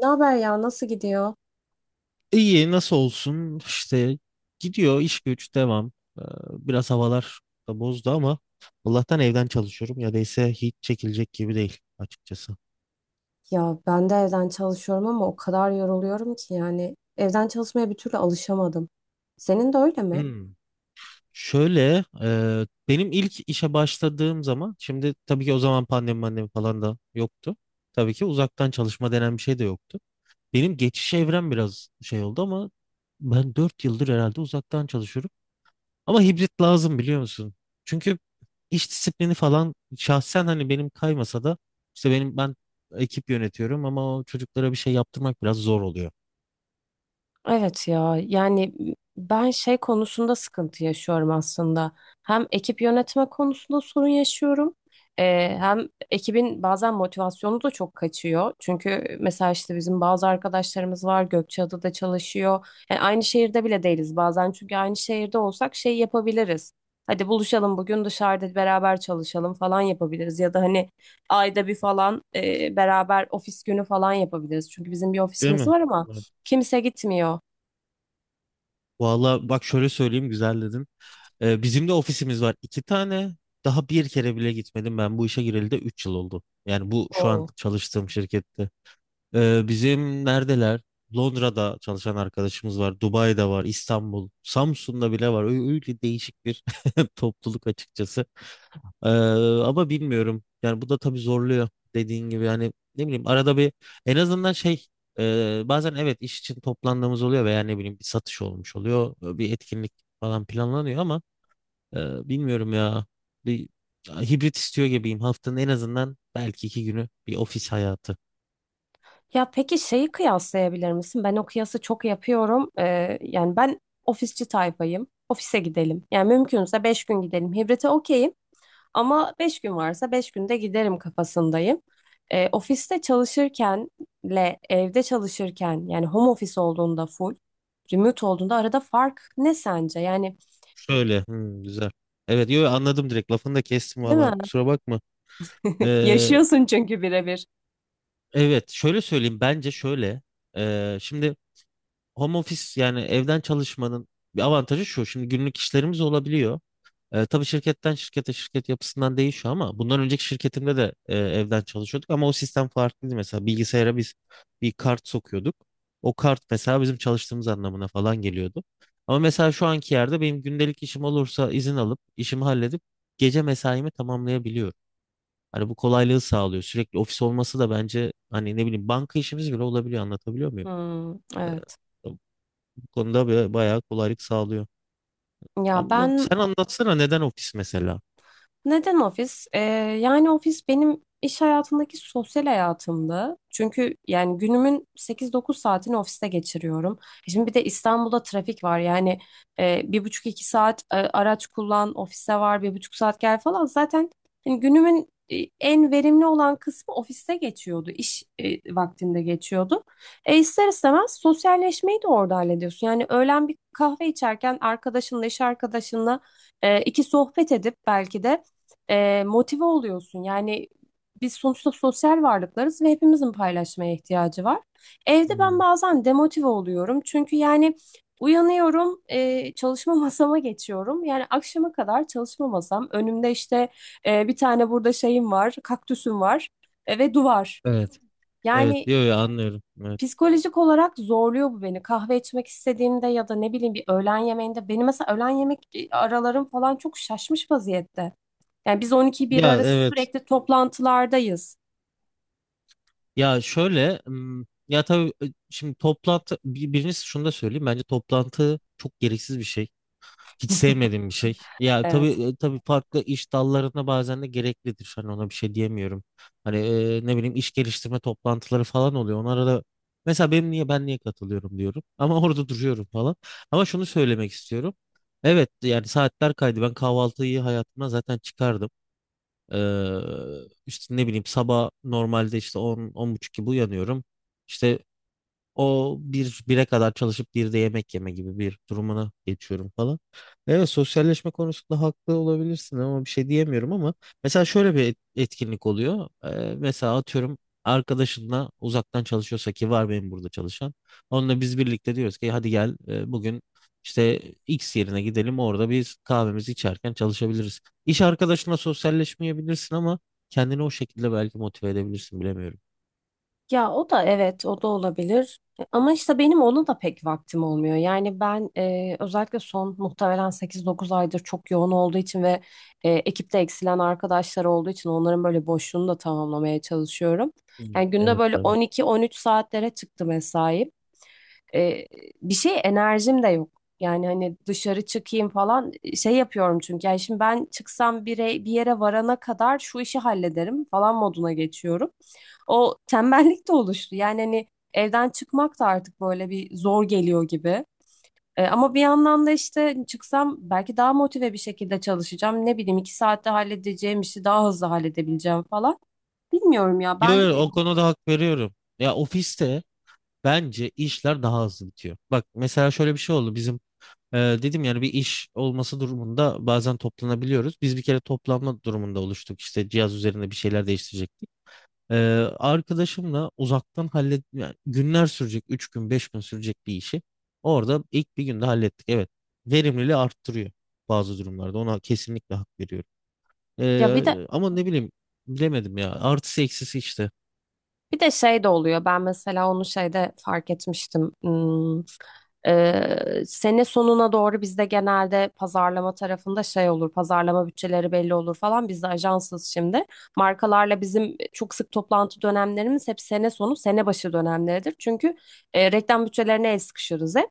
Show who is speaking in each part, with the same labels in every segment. Speaker 1: Ne haber ya? Nasıl gidiyor?
Speaker 2: İyi nasıl olsun işte gidiyor iş güç devam. Ee, Biraz havalar da bozdu ama Allah'tan evden çalışıyorum ya da ise hiç çekilecek gibi değil açıkçası.
Speaker 1: Ya ben de evden çalışıyorum ama o kadar yoruluyorum ki yani evden çalışmaya bir türlü alışamadım. Senin de öyle mi?
Speaker 2: Hmm. Şöyle, benim ilk işe başladığım zaman şimdi tabii ki o zaman pandemi falan da yoktu. Tabii ki uzaktan çalışma denen bir şey de yoktu. Benim geçiş evrem biraz şey oldu ama ben 4 yıldır herhalde uzaktan çalışıyorum. Ama hibrit lazım biliyor musun? Çünkü iş disiplini falan şahsen hani benim kaymasa da işte ben ekip yönetiyorum ama o çocuklara bir şey yaptırmak biraz zor oluyor.
Speaker 1: Evet ya yani ben şey konusunda sıkıntı yaşıyorum aslında. Hem ekip yönetme konusunda sorun yaşıyorum. Hem ekibin bazen motivasyonu da çok kaçıyor. Çünkü mesela işte bizim bazı arkadaşlarımız var Gökçeada'da çalışıyor. Yani aynı şehirde bile değiliz bazen çünkü aynı şehirde olsak şey yapabiliriz. Hadi buluşalım bugün dışarıda beraber çalışalım falan yapabiliriz. Ya da hani ayda bir falan beraber ofis günü falan yapabiliriz. Çünkü bizim bir
Speaker 2: Değil
Speaker 1: ofisimiz
Speaker 2: mi?
Speaker 1: var ama
Speaker 2: Evet.
Speaker 1: kimse gitmiyor.
Speaker 2: Valla bak şöyle söyleyeyim güzel dedin. Bizim de ofisimiz var 2 tane. Daha bir kere bile gitmedim ben bu işe gireli de 3 yıl oldu. Yani bu şu an
Speaker 1: Oo.
Speaker 2: çalıştığım şirkette. Bizim neredeler? Londra'da çalışan arkadaşımız var, Dubai'de var, İstanbul, Samsun'da bile var. Öyle değişik bir topluluk açıkçası. Ee, Ama bilmiyorum. Yani bu da tabii zorluyor dediğin gibi. Yani ne bileyim arada bir en azından şey, bazen evet iş için toplandığımız oluyor veya ne bileyim bir satış olmuş oluyor, bir etkinlik falan planlanıyor ama bilmiyorum ya. Bir hibrit istiyor gibiyim. Haftanın en azından belki 2 günü bir ofis hayatı.
Speaker 1: Ya peki şeyi kıyaslayabilir misin? Ben o kıyası çok yapıyorum. Yani ben ofisçi tayfayım. Ofise gidelim. Yani mümkünse 5 gün gidelim. Hibrite okeyim ama 5 gün varsa 5 günde giderim kafasındayım. Ofiste çalışırkenle evde çalışırken yani home office olduğunda full, remote olduğunda arada fark ne sence? Yani,
Speaker 2: Şöyle. Hmm, güzel. Evet, yo, anladım direkt. Lafını da kestim
Speaker 1: değil mi?
Speaker 2: valla. Kusura bakma. Ee,
Speaker 1: Yaşıyorsun çünkü birebir.
Speaker 2: evet, şöyle söyleyeyim. Bence şöyle. Şimdi home office yani evden çalışmanın bir avantajı şu. Şimdi günlük işlerimiz olabiliyor. Tabii şirketten şirkete şirket yapısından değişiyor ama bundan önceki şirketimde de, evden çalışıyorduk ama o sistem farklıydı. Mesela bilgisayara biz bir kart sokuyorduk. O kart mesela bizim çalıştığımız anlamına falan geliyordu. Ama mesela şu anki yerde benim gündelik işim olursa izin alıp işimi halledip gece mesaimi tamamlayabiliyorum. Hani bu kolaylığı sağlıyor. Sürekli ofis olması da bence hani ne bileyim banka işimiz bile olabiliyor. Anlatabiliyor muyum?
Speaker 1: Hmm, evet.
Speaker 2: E, Konuda bayağı kolaylık sağlıyor.
Speaker 1: Ya
Speaker 2: Ama
Speaker 1: ben,
Speaker 2: sen anlatsana neden ofis mesela?
Speaker 1: neden ofis? Yani ofis benim iş hayatındaki sosyal hayatımdı. Çünkü yani günümün 8-9 saatini ofiste geçiriyorum. Şimdi bir de İstanbul'da trafik var. Yani 1,5-2 saat araç kullan, ofise var, 1,5 saat gel falan. Zaten hani günümün en verimli olan kısmı ofiste geçiyordu. İş vaktinde geçiyordu. İster istemez sosyalleşmeyi de orada hallediyorsun. Yani öğlen bir kahve içerken arkadaşınla, iş arkadaşınla iki sohbet edip belki de motive oluyorsun. Yani biz sonuçta sosyal varlıklarız ve hepimizin paylaşmaya ihtiyacı var. Evde ben
Speaker 2: Hmm,
Speaker 1: bazen demotive oluyorum. Çünkü yani uyanıyorum, çalışma masama geçiyorum. Yani akşama kadar çalışma masam. Önümde işte bir tane burada şeyim var, kaktüsüm var ve duvar.
Speaker 2: evet, evet,
Speaker 1: Yani
Speaker 2: yo, yo, anlıyorum. Evet.
Speaker 1: psikolojik olarak zorluyor bu beni. Kahve içmek istediğimde ya da ne bileyim bir öğlen yemeğinde. Benim mesela öğlen yemek aralarım falan çok şaşmış vaziyette. Yani biz 12-1
Speaker 2: Ya
Speaker 1: arası
Speaker 2: evet,
Speaker 1: sürekli toplantılardayız.
Speaker 2: ya şöyle, ya tabii, şimdi toplantı, birincisi şunu da söyleyeyim, bence toplantı çok gereksiz bir şey. Hiç sevmediğim bir şey. Ya tabii
Speaker 1: Evet.
Speaker 2: e, tabii farklı iş dallarında bazen de gereklidir. Hani ona bir şey diyemiyorum. Hani, ne bileyim iş geliştirme toplantıları falan oluyor. Onlara da mesela benim niye ben niye katılıyorum diyorum. Ama orada duruyorum falan. Ama şunu söylemek istiyorum. Evet yani saatler kaydı. Ben kahvaltıyı hayatımdan zaten çıkardım. Ee, işte ne bileyim sabah normalde işte 10 buçuk gibi uyanıyorum. İşte o bir bire kadar çalışıp bir de yemek yeme gibi bir durumuna geçiyorum falan. Evet sosyalleşme konusunda haklı olabilirsin ama bir şey diyemiyorum ama mesela şöyle bir etkinlik oluyor. Mesela atıyorum arkadaşınla uzaktan çalışıyorsa ki var benim burada çalışan. Onunla biz birlikte diyoruz ki hadi gel, bugün işte X yerine gidelim orada biz kahvemizi içerken çalışabiliriz. İş arkadaşına sosyalleşmeyebilirsin ama kendini o şekilde belki motive edebilirsin bilemiyorum.
Speaker 1: Ya o da, evet, o da olabilir. Ama işte benim ona da pek vaktim olmuyor. Yani ben özellikle son muhtemelen 8-9 aydır çok yoğun olduğu için ve ekipte eksilen arkadaşlar olduğu için onların böyle boşluğunu da tamamlamaya çalışıyorum.
Speaker 2: Hmm.
Speaker 1: Yani günde
Speaker 2: Evet
Speaker 1: böyle
Speaker 2: tabii.
Speaker 1: 12-13 saatlere çıktı mesai. E, Bir şey, enerjim de yok. Yani hani dışarı çıkayım falan şey yapıyorum çünkü. Yani şimdi ben çıksam bir yere varana kadar şu işi hallederim falan moduna geçiyorum. O tembellik de oluştu. Yani hani evden çıkmak da artık böyle bir zor geliyor gibi. Ama bir yandan da işte çıksam belki daha motive bir şekilde çalışacağım. Ne bileyim 2 saatte halledeceğim işi daha hızlı halledebileceğim falan. Bilmiyorum ya
Speaker 2: Yo,
Speaker 1: ben,
Speaker 2: yo, o konuda hak veriyorum. Ya ofiste bence işler daha hızlı bitiyor. Bak mesela şöyle bir şey oldu bizim e, dedim yani bir iş olması durumunda bazen toplanabiliyoruz. Biz bir kere toplanma durumunda oluştuk işte cihaz üzerinde bir şeyler değiştirecektik. E, Arkadaşımla uzaktan hallet yani günler sürecek 3 gün 5 gün sürecek bir işi orada ilk bir günde hallettik. Evet verimliliği arttırıyor bazı durumlarda ona kesinlikle hak veriyorum.
Speaker 1: ya bir de
Speaker 2: Ama ne bileyim bilemedim ya artısı eksisi işte.
Speaker 1: bir de şey de oluyor. Ben mesela onu şeyde fark etmiştim. Sene sonuna doğru bizde genelde pazarlama tarafında şey olur. Pazarlama bütçeleri belli olur falan. Biz de ajansız şimdi. Markalarla bizim çok sık toplantı dönemlerimiz hep sene sonu, sene başı dönemleridir. Çünkü reklam bütçelerine el sıkışırız hep.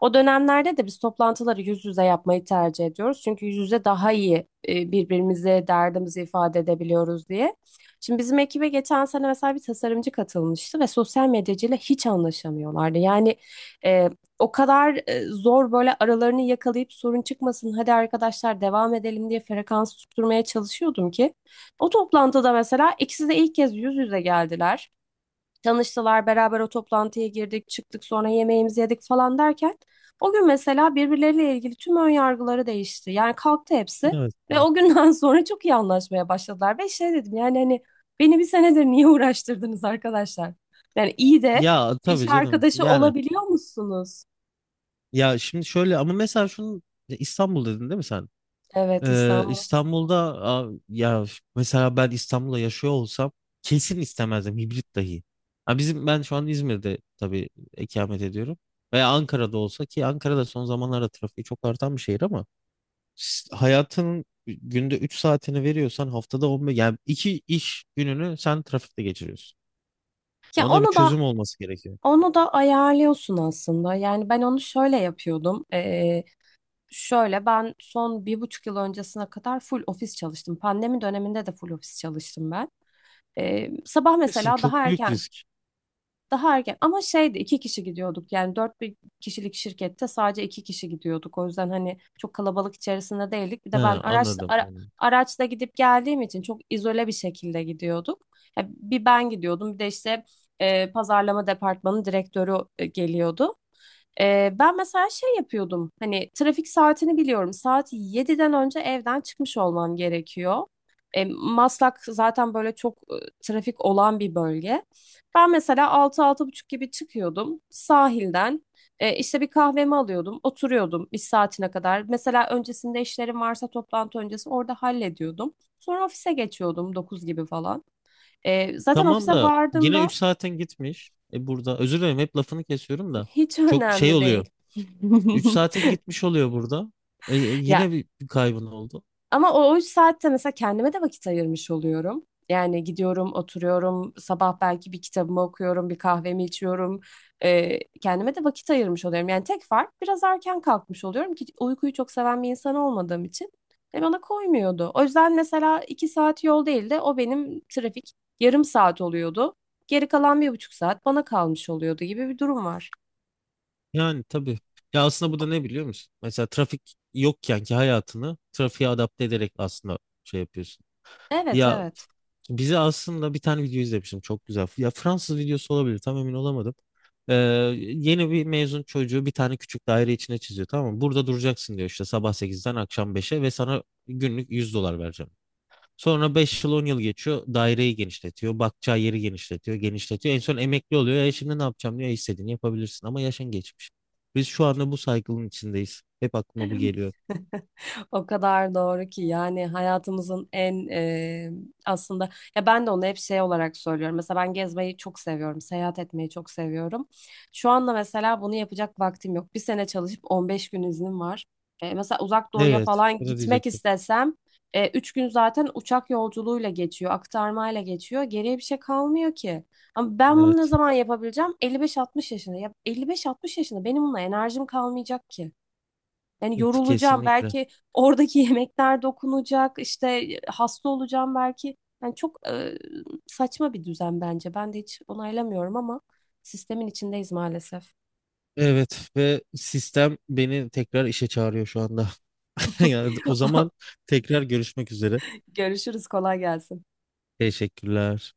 Speaker 1: O dönemlerde de biz toplantıları yüz yüze yapmayı tercih ediyoruz. Çünkü yüz yüze daha iyi birbirimize derdimizi ifade edebiliyoruz diye. Şimdi bizim ekibe geçen sene mesela bir tasarımcı katılmıştı ve sosyal medyacıyla hiç anlaşamıyorlardı. Yani e, o kadar zor, böyle aralarını yakalayıp sorun çıkmasın, hadi arkadaşlar devam edelim diye frekans tutturmaya çalışıyordum ki. O toplantıda mesela ikisi de ilk kez yüz yüze geldiler. Tanıştılar, beraber o toplantıya girdik, çıktık, sonra yemeğimizi yedik falan derken o gün mesela birbirleriyle ilgili tüm ön yargıları değişti. Yani kalktı hepsi
Speaker 2: Evet.
Speaker 1: ve o günden sonra çok iyi anlaşmaya başladılar. Ve şey dedim yani, hani beni bir senedir niye uğraştırdınız arkadaşlar? Yani iyi de
Speaker 2: Ya
Speaker 1: iş
Speaker 2: tabii canım.
Speaker 1: arkadaşı
Speaker 2: Yani
Speaker 1: olabiliyor musunuz?
Speaker 2: ya şimdi şöyle ama mesela şunu İstanbul dedin değil mi sen?
Speaker 1: Evet, İstanbul.
Speaker 2: İstanbul'da ya mesela ben İstanbul'da yaşıyor olsam kesin istemezdim hibrit dahi. Ha ben şu an İzmir'de tabii ikamet ediyorum. Veya Ankara'da olsa ki Ankara'da son zamanlarda trafiği çok artan bir şehir ama hayatının günde 3 saatini veriyorsan haftada 15 yani 2 iş gününü sen trafikte geçiriyorsun. Ya
Speaker 1: Ya
Speaker 2: ona bir
Speaker 1: onu da
Speaker 2: çözüm olması gerekiyor.
Speaker 1: onu da ayarlıyorsun aslında. Yani ben onu şöyle yapıyordum. Şöyle, ben son 1,5 yıl öncesine kadar full ofis çalıştım. Pandemi döneminde de full ofis çalıştım ben. Sabah
Speaker 2: Kesin
Speaker 1: mesela
Speaker 2: çok
Speaker 1: daha
Speaker 2: büyük
Speaker 1: erken,
Speaker 2: risk.
Speaker 1: daha erken, ama şeydi, 2 kişi gidiyorduk yani dört bir kişilik şirkette sadece 2 kişi gidiyorduk, o yüzden hani çok kalabalık içerisinde değildik, bir de ben
Speaker 2: Ha, anladım. Anladım.
Speaker 1: araçla gidip geldiğim için çok izole bir şekilde gidiyorduk. Ya bir ben gidiyordum, bir de işte pazarlama departmanı direktörü geliyordu. Ben mesela şey yapıyordum, hani trafik saatini biliyorum, saat 7'den önce evden çıkmış olmam gerekiyor. Maslak zaten böyle çok trafik olan bir bölge. Ben mesela altı altı buçuk gibi çıkıyordum sahilden. İşte bir kahvemi alıyordum, oturuyordum bir saatine kadar. Mesela öncesinde işlerim varsa toplantı öncesi orada hallediyordum. Sonra ofise geçiyordum 9 gibi falan. Zaten
Speaker 2: Tamam
Speaker 1: ofise
Speaker 2: da yine 3
Speaker 1: vardığımda
Speaker 2: saatin gitmiş. Burada özür dilerim hep lafını kesiyorum da
Speaker 1: hiç
Speaker 2: çok şey
Speaker 1: önemli
Speaker 2: oluyor.
Speaker 1: değil.
Speaker 2: 3 saatin gitmiş oluyor burada.
Speaker 1: Ya,
Speaker 2: Yine bir kaybın oldu.
Speaker 1: ama o 3 saatte mesela kendime de vakit ayırmış oluyorum. Yani gidiyorum, oturuyorum, sabah belki bir kitabımı okuyorum, bir kahvemi içiyorum. Kendime de vakit ayırmış oluyorum. Yani tek fark biraz erken kalkmış oluyorum ki uykuyu çok seven bir insan olmadığım için bana koymuyordu. O yüzden mesela 2 saat yol değil de o benim trafik yarım saat oluyordu. Geri kalan 1,5 saat bana kalmış oluyordu gibi bir durum var.
Speaker 2: Yani tabii. Ya aslında bu da ne biliyor musun? Mesela trafik yokken ki hayatını trafiğe adapte ederek aslında şey yapıyorsun.
Speaker 1: Evet,
Speaker 2: Ya
Speaker 1: evet.
Speaker 2: bize aslında bir tane video izlemiştim çok güzel. Ya Fransız videosu olabilir tam emin olamadım. Ee, Yeni bir mezun çocuğu bir tane küçük daire içine çiziyor tamam mı? Burada duracaksın diyor işte sabah 8'den akşam 5'e ve sana günlük 100 dolar vereceğim. Sonra 5 yıl 10 yıl geçiyor daireyi genişletiyor. Bakacağı yeri genişletiyor genişletiyor. En son emekli oluyor. E şimdi ne yapacağım diyor. E istediğini yapabilirsin ama yaşın geçmiş. Biz şu anda bu saygının içindeyiz. Hep aklıma bu geliyor.
Speaker 1: O kadar doğru ki, yani hayatımızın en aslında, ya ben de onu hep şey olarak söylüyorum. Mesela ben gezmeyi çok seviyorum, seyahat etmeyi çok seviyorum. Şu anda mesela bunu yapacak vaktim yok. Bir sene çalışıp 15 gün iznim var. Mesela Uzak Doğu'ya
Speaker 2: Evet.
Speaker 1: falan
Speaker 2: Bunu
Speaker 1: gitmek
Speaker 2: diyecektim.
Speaker 1: istesem 3 gün zaten uçak yolculuğuyla geçiyor, aktarmayla geçiyor. Geriye bir şey kalmıyor ki. Ama ben bunu ne
Speaker 2: Evet.
Speaker 1: zaman yapabileceğim? 55-60 yaşında. Ya 55-60 yaşında benim buna enerjim kalmayacak ki. Yani yorulacağım
Speaker 2: Kesinlikle.
Speaker 1: belki, oradaki yemekler dokunacak, işte hasta olacağım belki. Yani çok saçma bir düzen bence. Ben de hiç onaylamıyorum ama sistemin içindeyiz maalesef.
Speaker 2: Evet ve sistem beni tekrar işe çağırıyor şu anda. Yani o zaman tekrar görüşmek üzere.
Speaker 1: Görüşürüz, kolay gelsin.
Speaker 2: Teşekkürler.